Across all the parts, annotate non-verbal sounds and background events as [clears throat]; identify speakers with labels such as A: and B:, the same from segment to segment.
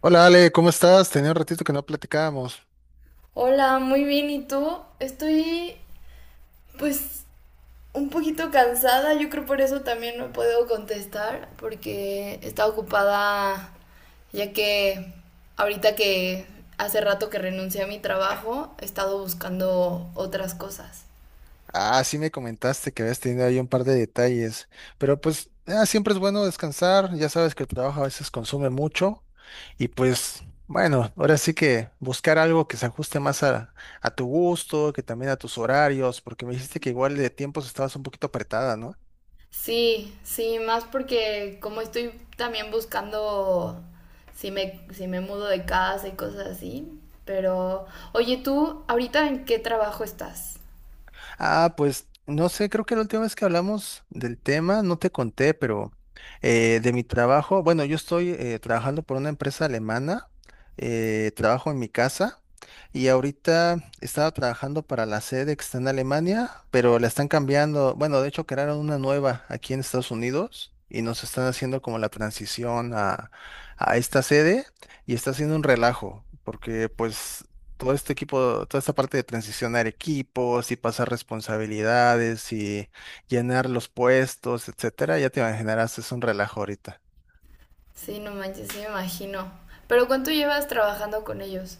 A: Hola Ale, ¿cómo estás? Tenía un ratito que no platicábamos.
B: Hola, muy bien, ¿y tú? Estoy, pues, un poquito cansada, yo creo por eso también no puedo contestar, porque está ocupada ya que ahorita que hace rato que renuncié a mi trabajo, he estado buscando otras cosas.
A: Ah, sí me comentaste que habías tenido ahí un par de detalles, pero pues siempre es bueno descansar, ya sabes que el trabajo a veces consume mucho y pues bueno, ahora sí que buscar algo que se ajuste más a tu gusto, que también a tus horarios, porque me dijiste que igual de tiempos estabas un poquito apretada, ¿no?
B: Sí, sí, más porque como estoy también buscando si me mudo de casa y cosas así, pero oye, ¿tú ahorita en qué trabajo estás?
A: Ah, pues no sé, creo que la última vez que hablamos del tema, no te conté, pero de mi trabajo, bueno, yo estoy trabajando por una empresa alemana, trabajo en mi casa y ahorita estaba trabajando para la sede que está en Alemania, pero la están cambiando, bueno, de hecho crearon una nueva aquí en Estados Unidos y nos están haciendo como la transición a esta sede y está haciendo un relajo, porque pues todo este equipo, toda esta parte de transicionar equipos y pasar responsabilidades y llenar los puestos, etcétera, ya te imaginarás, es un relajo ahorita.
B: Sí, no manches, sí me imagino. Pero ¿cuánto llevas trabajando con ellos?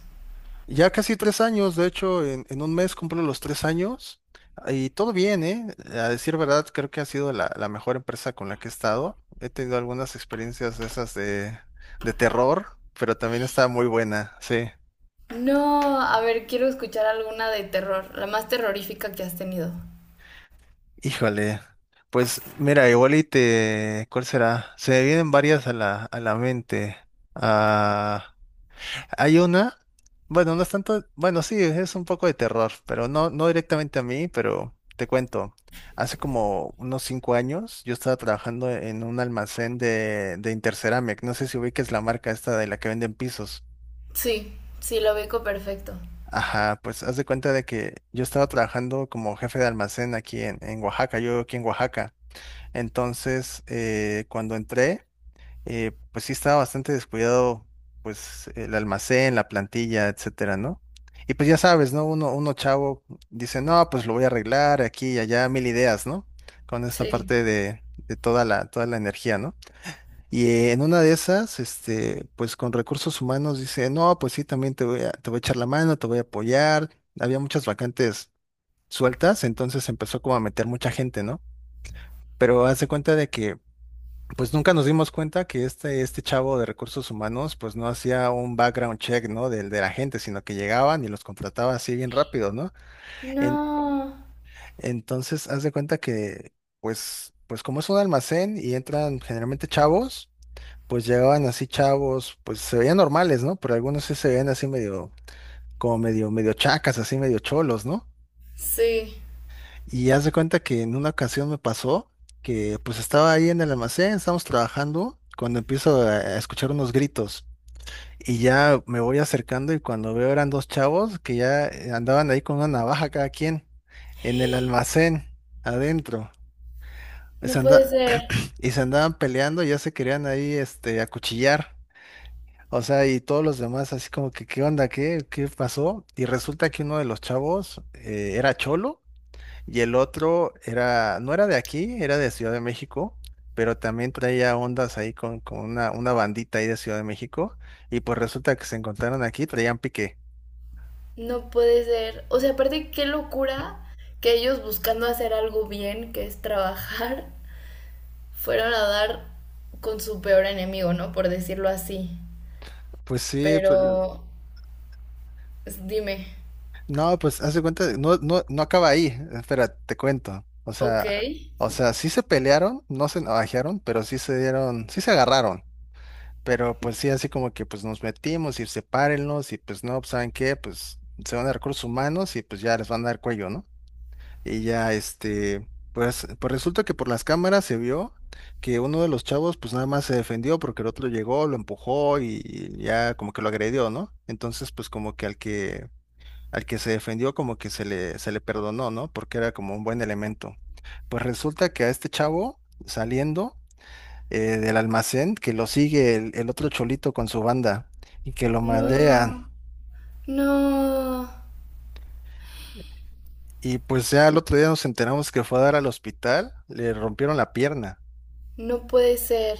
A: Ya casi 3 años, de hecho, en un mes cumplo los 3 años y todo bien, ¿eh? A decir verdad, creo que ha sido la mejor empresa con la que he estado. He tenido algunas experiencias de esas de terror, pero también está muy buena, sí.
B: No, a ver, quiero escuchar alguna de terror, la más terrorífica que has tenido.
A: Híjole, pues mira, ¿cuál será? Se me vienen varias a la mente. Ah, hay una, bueno, no es tanto, bueno, sí, es un poco de terror, pero no, no directamente a mí, pero te cuento. Hace como unos 5 años yo estaba trabajando en un almacén de Interceramic. No sé si ubiques la marca esta de la que venden pisos.
B: Sí, sí, lo ubico perfecto.
A: Ajá, pues haz de cuenta de que yo estaba trabajando como jefe de almacén aquí en Oaxaca, yo vivo aquí en Oaxaca. Entonces, cuando entré, pues sí estaba bastante descuidado, pues el almacén, la plantilla, etcétera, ¿no? Y pues ya sabes, ¿no? Uno chavo dice, no, pues lo voy a arreglar aquí y allá, mil ideas, ¿no? Con esta
B: Sí.
A: parte de toda la energía, ¿no? Y en una de esas, este, pues con recursos humanos dice, no, pues sí, también te voy a echar la mano, te voy a apoyar. Había muchas vacantes sueltas, entonces empezó como a meter mucha gente, ¿no? Pero hace cuenta de que pues nunca nos dimos cuenta que este chavo de recursos humanos pues no hacía un background check, ¿no? Del de la gente, sino que llegaban y los contrataba así bien rápido, ¿no? En-
B: No,
A: entonces, haz de cuenta que pues como es un almacén y entran generalmente chavos, pues llegaban así chavos, pues se veían normales, ¿no? Pero algunos sí se veían así medio, como medio, medio chacas, así medio cholos, ¿no?
B: sí.
A: Y haz de cuenta que en una ocasión me pasó que pues estaba ahí en el almacén, estábamos trabajando, cuando empiezo a escuchar unos gritos. Y ya me voy acercando y cuando veo eran dos chavos que ya andaban ahí con una navaja cada quien en el almacén adentro.
B: No
A: Se
B: puede
A: anda-
B: ser,
A: [clears throat] y se andaban peleando, ya se querían ahí este, acuchillar. O sea, y todos los demás así como que, ¿qué onda? ¿Qué pasó? Y resulta que uno de los chavos era cholo y el otro era, no era de aquí, era de Ciudad de México, pero también traía ondas ahí con una bandita ahí de Ciudad de México. Y pues resulta que se encontraron aquí, traían pique.
B: no puede ser. O sea, aparte, qué locura que ellos buscando hacer algo bien, que es trabajar, [laughs] fueron a dar con su peor enemigo, ¿no? Por decirlo así.
A: Pues sí, pero-
B: Pero, dime.
A: no, pues haz de cuenta, no, no, no acaba ahí, espera, te cuento.
B: Ok.
A: O sea, sí se pelearon, no se navajearon, pero sí se dieron, sí se agarraron. Pero pues sí, así como que pues nos metimos y sepárenlos y pues no, pues, ¿saben qué? Pues se van a recursos humanos y pues ya les van a dar cuello, ¿no? Y ya este, pues, pues resulta que por las cámaras se vio que uno de los chavos pues nada más se defendió porque el otro llegó, lo empujó y ya como que lo agredió, ¿no? Entonces pues como que al que se defendió como que se le perdonó, ¿no? Porque era como un buen elemento. Pues resulta que a este chavo saliendo del almacén, que lo sigue el otro cholito con su banda y que lo madrean.
B: No, no,
A: Y pues ya al otro día nos enteramos que fue a dar al hospital, le rompieron la pierna.
B: no puede ser.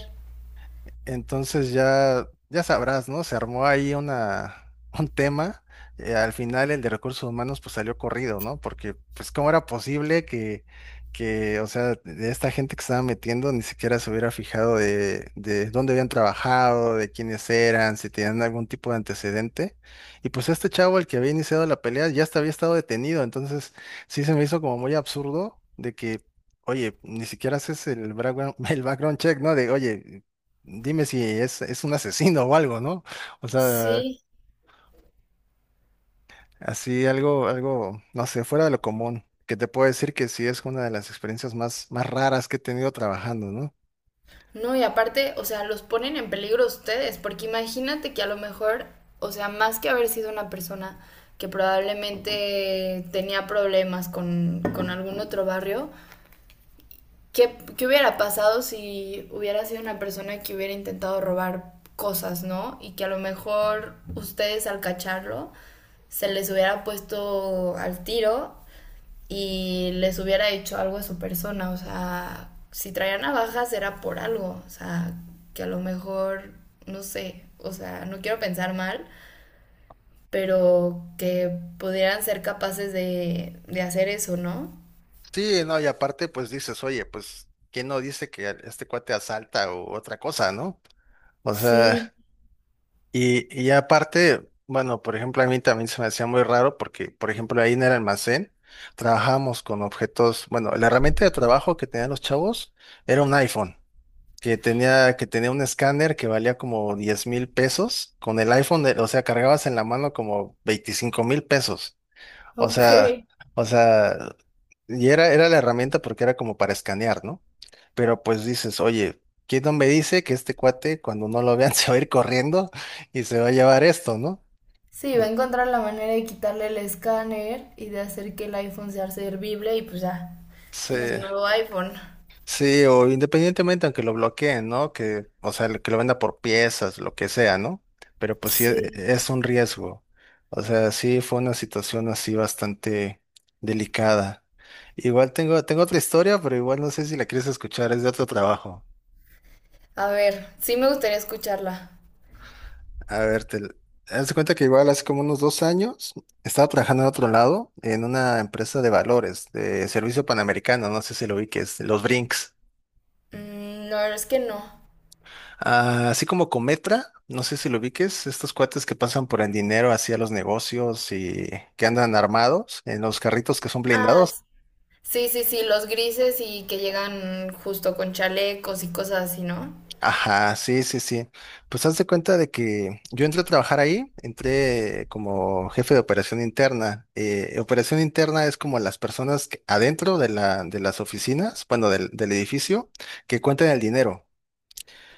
A: Entonces ya, ya sabrás, ¿no? Se armó ahí una, [laughs] un tema. Al final el de recursos humanos pues salió corrido, ¿no? Porque pues cómo era posible que o sea, de esta gente que estaba metiendo ni siquiera se hubiera fijado de dónde habían trabajado, de quiénes eran, si tenían algún tipo de antecedente. Y pues este chavo, el que había iniciado la pelea, ya hasta había estado detenido. Entonces sí se me hizo como muy absurdo de que... Oye, ni siquiera haces el background, [laughs] el background check, ¿no? De, oye, dime si es, es un asesino o algo, ¿no? O sea,
B: Sí.
A: así algo, algo, no sé, fuera de lo común, que te puedo decir que sí es una de las experiencias más, más raras que he tenido trabajando, ¿no?
B: No, y aparte, o sea, los ponen en peligro a ustedes, porque imagínate que a lo mejor, o sea, más que haber sido una persona que probablemente tenía problemas con algún otro barrio, ¿qué, qué hubiera pasado si hubiera sido una persona que hubiera intentado robar cosas, ¿no? Y que a lo mejor ustedes al cacharlo se les hubiera puesto al tiro y les hubiera hecho algo a su persona. O sea, si traía navajas era por algo. O sea, que a lo mejor, no sé, o sea, no quiero pensar mal, pero que pudieran ser capaces de hacer eso, ¿no?
A: Sí, no, y aparte, pues dices, oye, pues, ¿quién no dice que este cuate asalta o otra cosa, ¿no? O
B: Sí,
A: sea, y aparte, bueno, por ejemplo, a mí también se me hacía muy raro porque, por ejemplo, ahí en el almacén trabajábamos con objetos, bueno, la herramienta de trabajo que tenían los chavos era un iPhone. Que tenía un escáner que valía como 10,000 pesos, con el iPhone, de- o sea, cargabas en la mano como 25,000 pesos. O
B: ok.
A: sea, o sea, y era, era la herramienta porque era como para escanear, ¿no? Pero pues dices, oye, ¿quién no me dice que este cuate, cuando no lo vean, [laughs] se va a ir corriendo y se va a llevar esto, ¿no?
B: Sí, va
A: O-
B: a encontrar la manera de quitarle el escáner y de hacer que el iPhone sea servible y pues ya,
A: Sí.
B: tienes un nuevo iPhone.
A: Sí, o independientemente, aunque lo bloqueen, ¿no? Que, o sea, que lo venda por piezas, lo que sea, ¿no? Pero pues sí,
B: Sí.
A: es un riesgo. O sea, sí fue una situación así bastante delicada. Igual tengo otra historia, pero igual no sé si la quieres escuchar, es de otro trabajo.
B: A ver, sí me gustaría escucharla.
A: A ver, te, haz de cuenta que igual hace como unos 2 años estaba trabajando en otro lado, en una empresa de valores, de servicio panamericano, no sé si lo vi, que es los Brinks.
B: Mm, no, es que no.
A: Ah, así como Cometra, no sé si lo ubiques, estos cuates que pasan por el dinero hacia los negocios y que andan armados en los carritos que son
B: Ah,
A: blindados.
B: sí, sí, sí, los grises y que llegan justo con chalecos y cosas así, ¿no?
A: Ajá, sí, sí, sí. Pues haz de cuenta de que yo entré a trabajar ahí, entré como jefe de operación interna. Operación interna es como las personas que- adentro de la, de las oficinas, bueno, del, del edificio, que cuentan el dinero.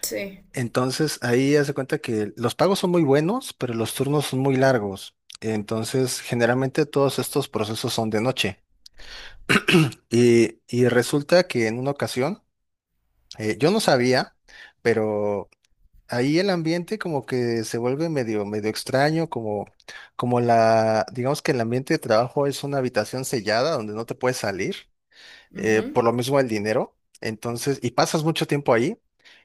B: Sí.
A: Entonces ahí haz de cuenta que los pagos son muy buenos, pero los turnos son muy largos. Entonces generalmente todos estos procesos son de noche. Y resulta que en una ocasión, yo no sabía, pero ahí el ambiente como que se vuelve medio, medio extraño, como la, digamos que el ambiente de trabajo es una habitación sellada donde no te puedes salir
B: Ujú.
A: por lo mismo el dinero, entonces, y pasas mucho tiempo ahí,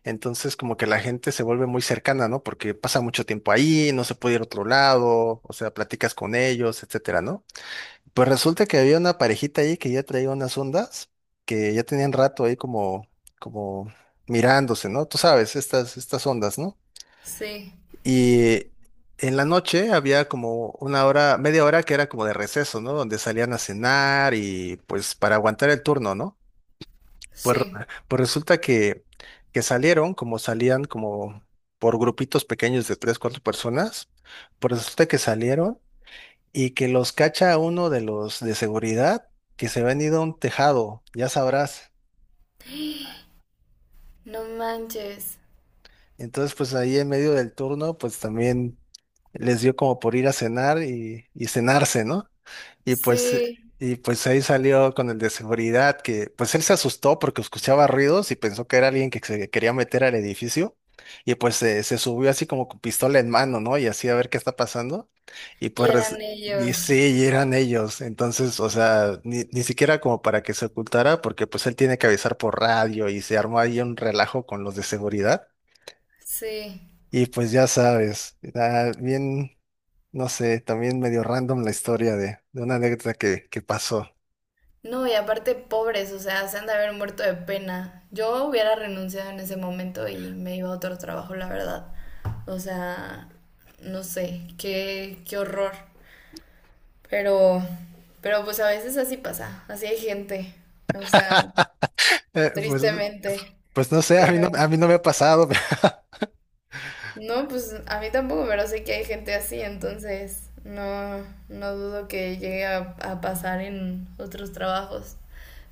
A: entonces como que la gente se vuelve muy cercana, ¿no? Porque pasa mucho tiempo ahí, no se puede ir a otro lado, o sea, platicas con ellos, etcétera, ¿no? Pues resulta que había una parejita ahí que ya traía unas ondas, que ya tenían rato ahí como, como mirándose, ¿no? Tú sabes, estas ondas, ¿no?
B: Sí,
A: Y en la noche había como una hora, media hora que era como de receso, ¿no? Donde salían a cenar y pues para aguantar el turno, ¿no? Pues, re-
B: sí.
A: pues resulta que salieron, como salían como por grupitos pequeños de tres, cuatro personas, pues resulta que salieron y que los cacha uno de los de seguridad que se habían ido a un tejado, ya sabrás.
B: No manches.
A: Entonces, pues ahí en medio del turno, pues también les dio como por ir a cenar y cenarse, ¿no? Y pues, eh,
B: Sí,
A: y pues ahí salió con el de seguridad, que pues él se asustó porque escuchaba ruidos y pensó que era alguien que se quería meter al edificio. Y pues se subió así como con pistola en mano, ¿no? Y así a ver qué está pasando. Y
B: y
A: pues,
B: eran
A: y
B: ellos.
A: sí, y eran ellos. Entonces, o sea, ni siquiera como para que se ocultara, porque pues él tiene que avisar por radio y se armó ahí un relajo con los de seguridad.
B: Sí.
A: Y pues ya sabes, era bien, no sé, también medio random la historia de una anécdota que pasó.
B: No, y aparte pobres, o sea, se han de haber muerto de pena. Yo hubiera renunciado en ese momento y me iba a otro trabajo, la verdad. O sea, no sé, qué, qué horror. Pero, pero pues a veces así pasa, así hay gente. O sea,
A: [laughs] Pues,
B: tristemente.
A: pues no sé,
B: Pero
A: a mí no me ha pasado.
B: no, pues a mí tampoco, pero sé que hay gente así, entonces no, no dudo que llegue a pasar en otros trabajos.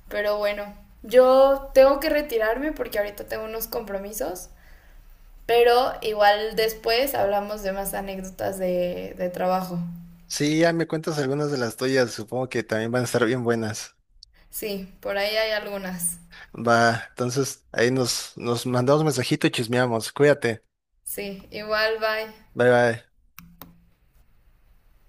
B: Pero bueno, yo tengo que retirarme porque ahorita tengo unos compromisos, pero igual después hablamos de más anécdotas de trabajo.
A: [laughs] Sí, ya me cuentas algunas de las tuyas, supongo que también van a estar bien buenas.
B: Sí, por ahí hay algunas.
A: Va, entonces ahí nos mandamos mensajito y chismeamos. Cuídate.
B: Sí, igual, bye.
A: Bye bye.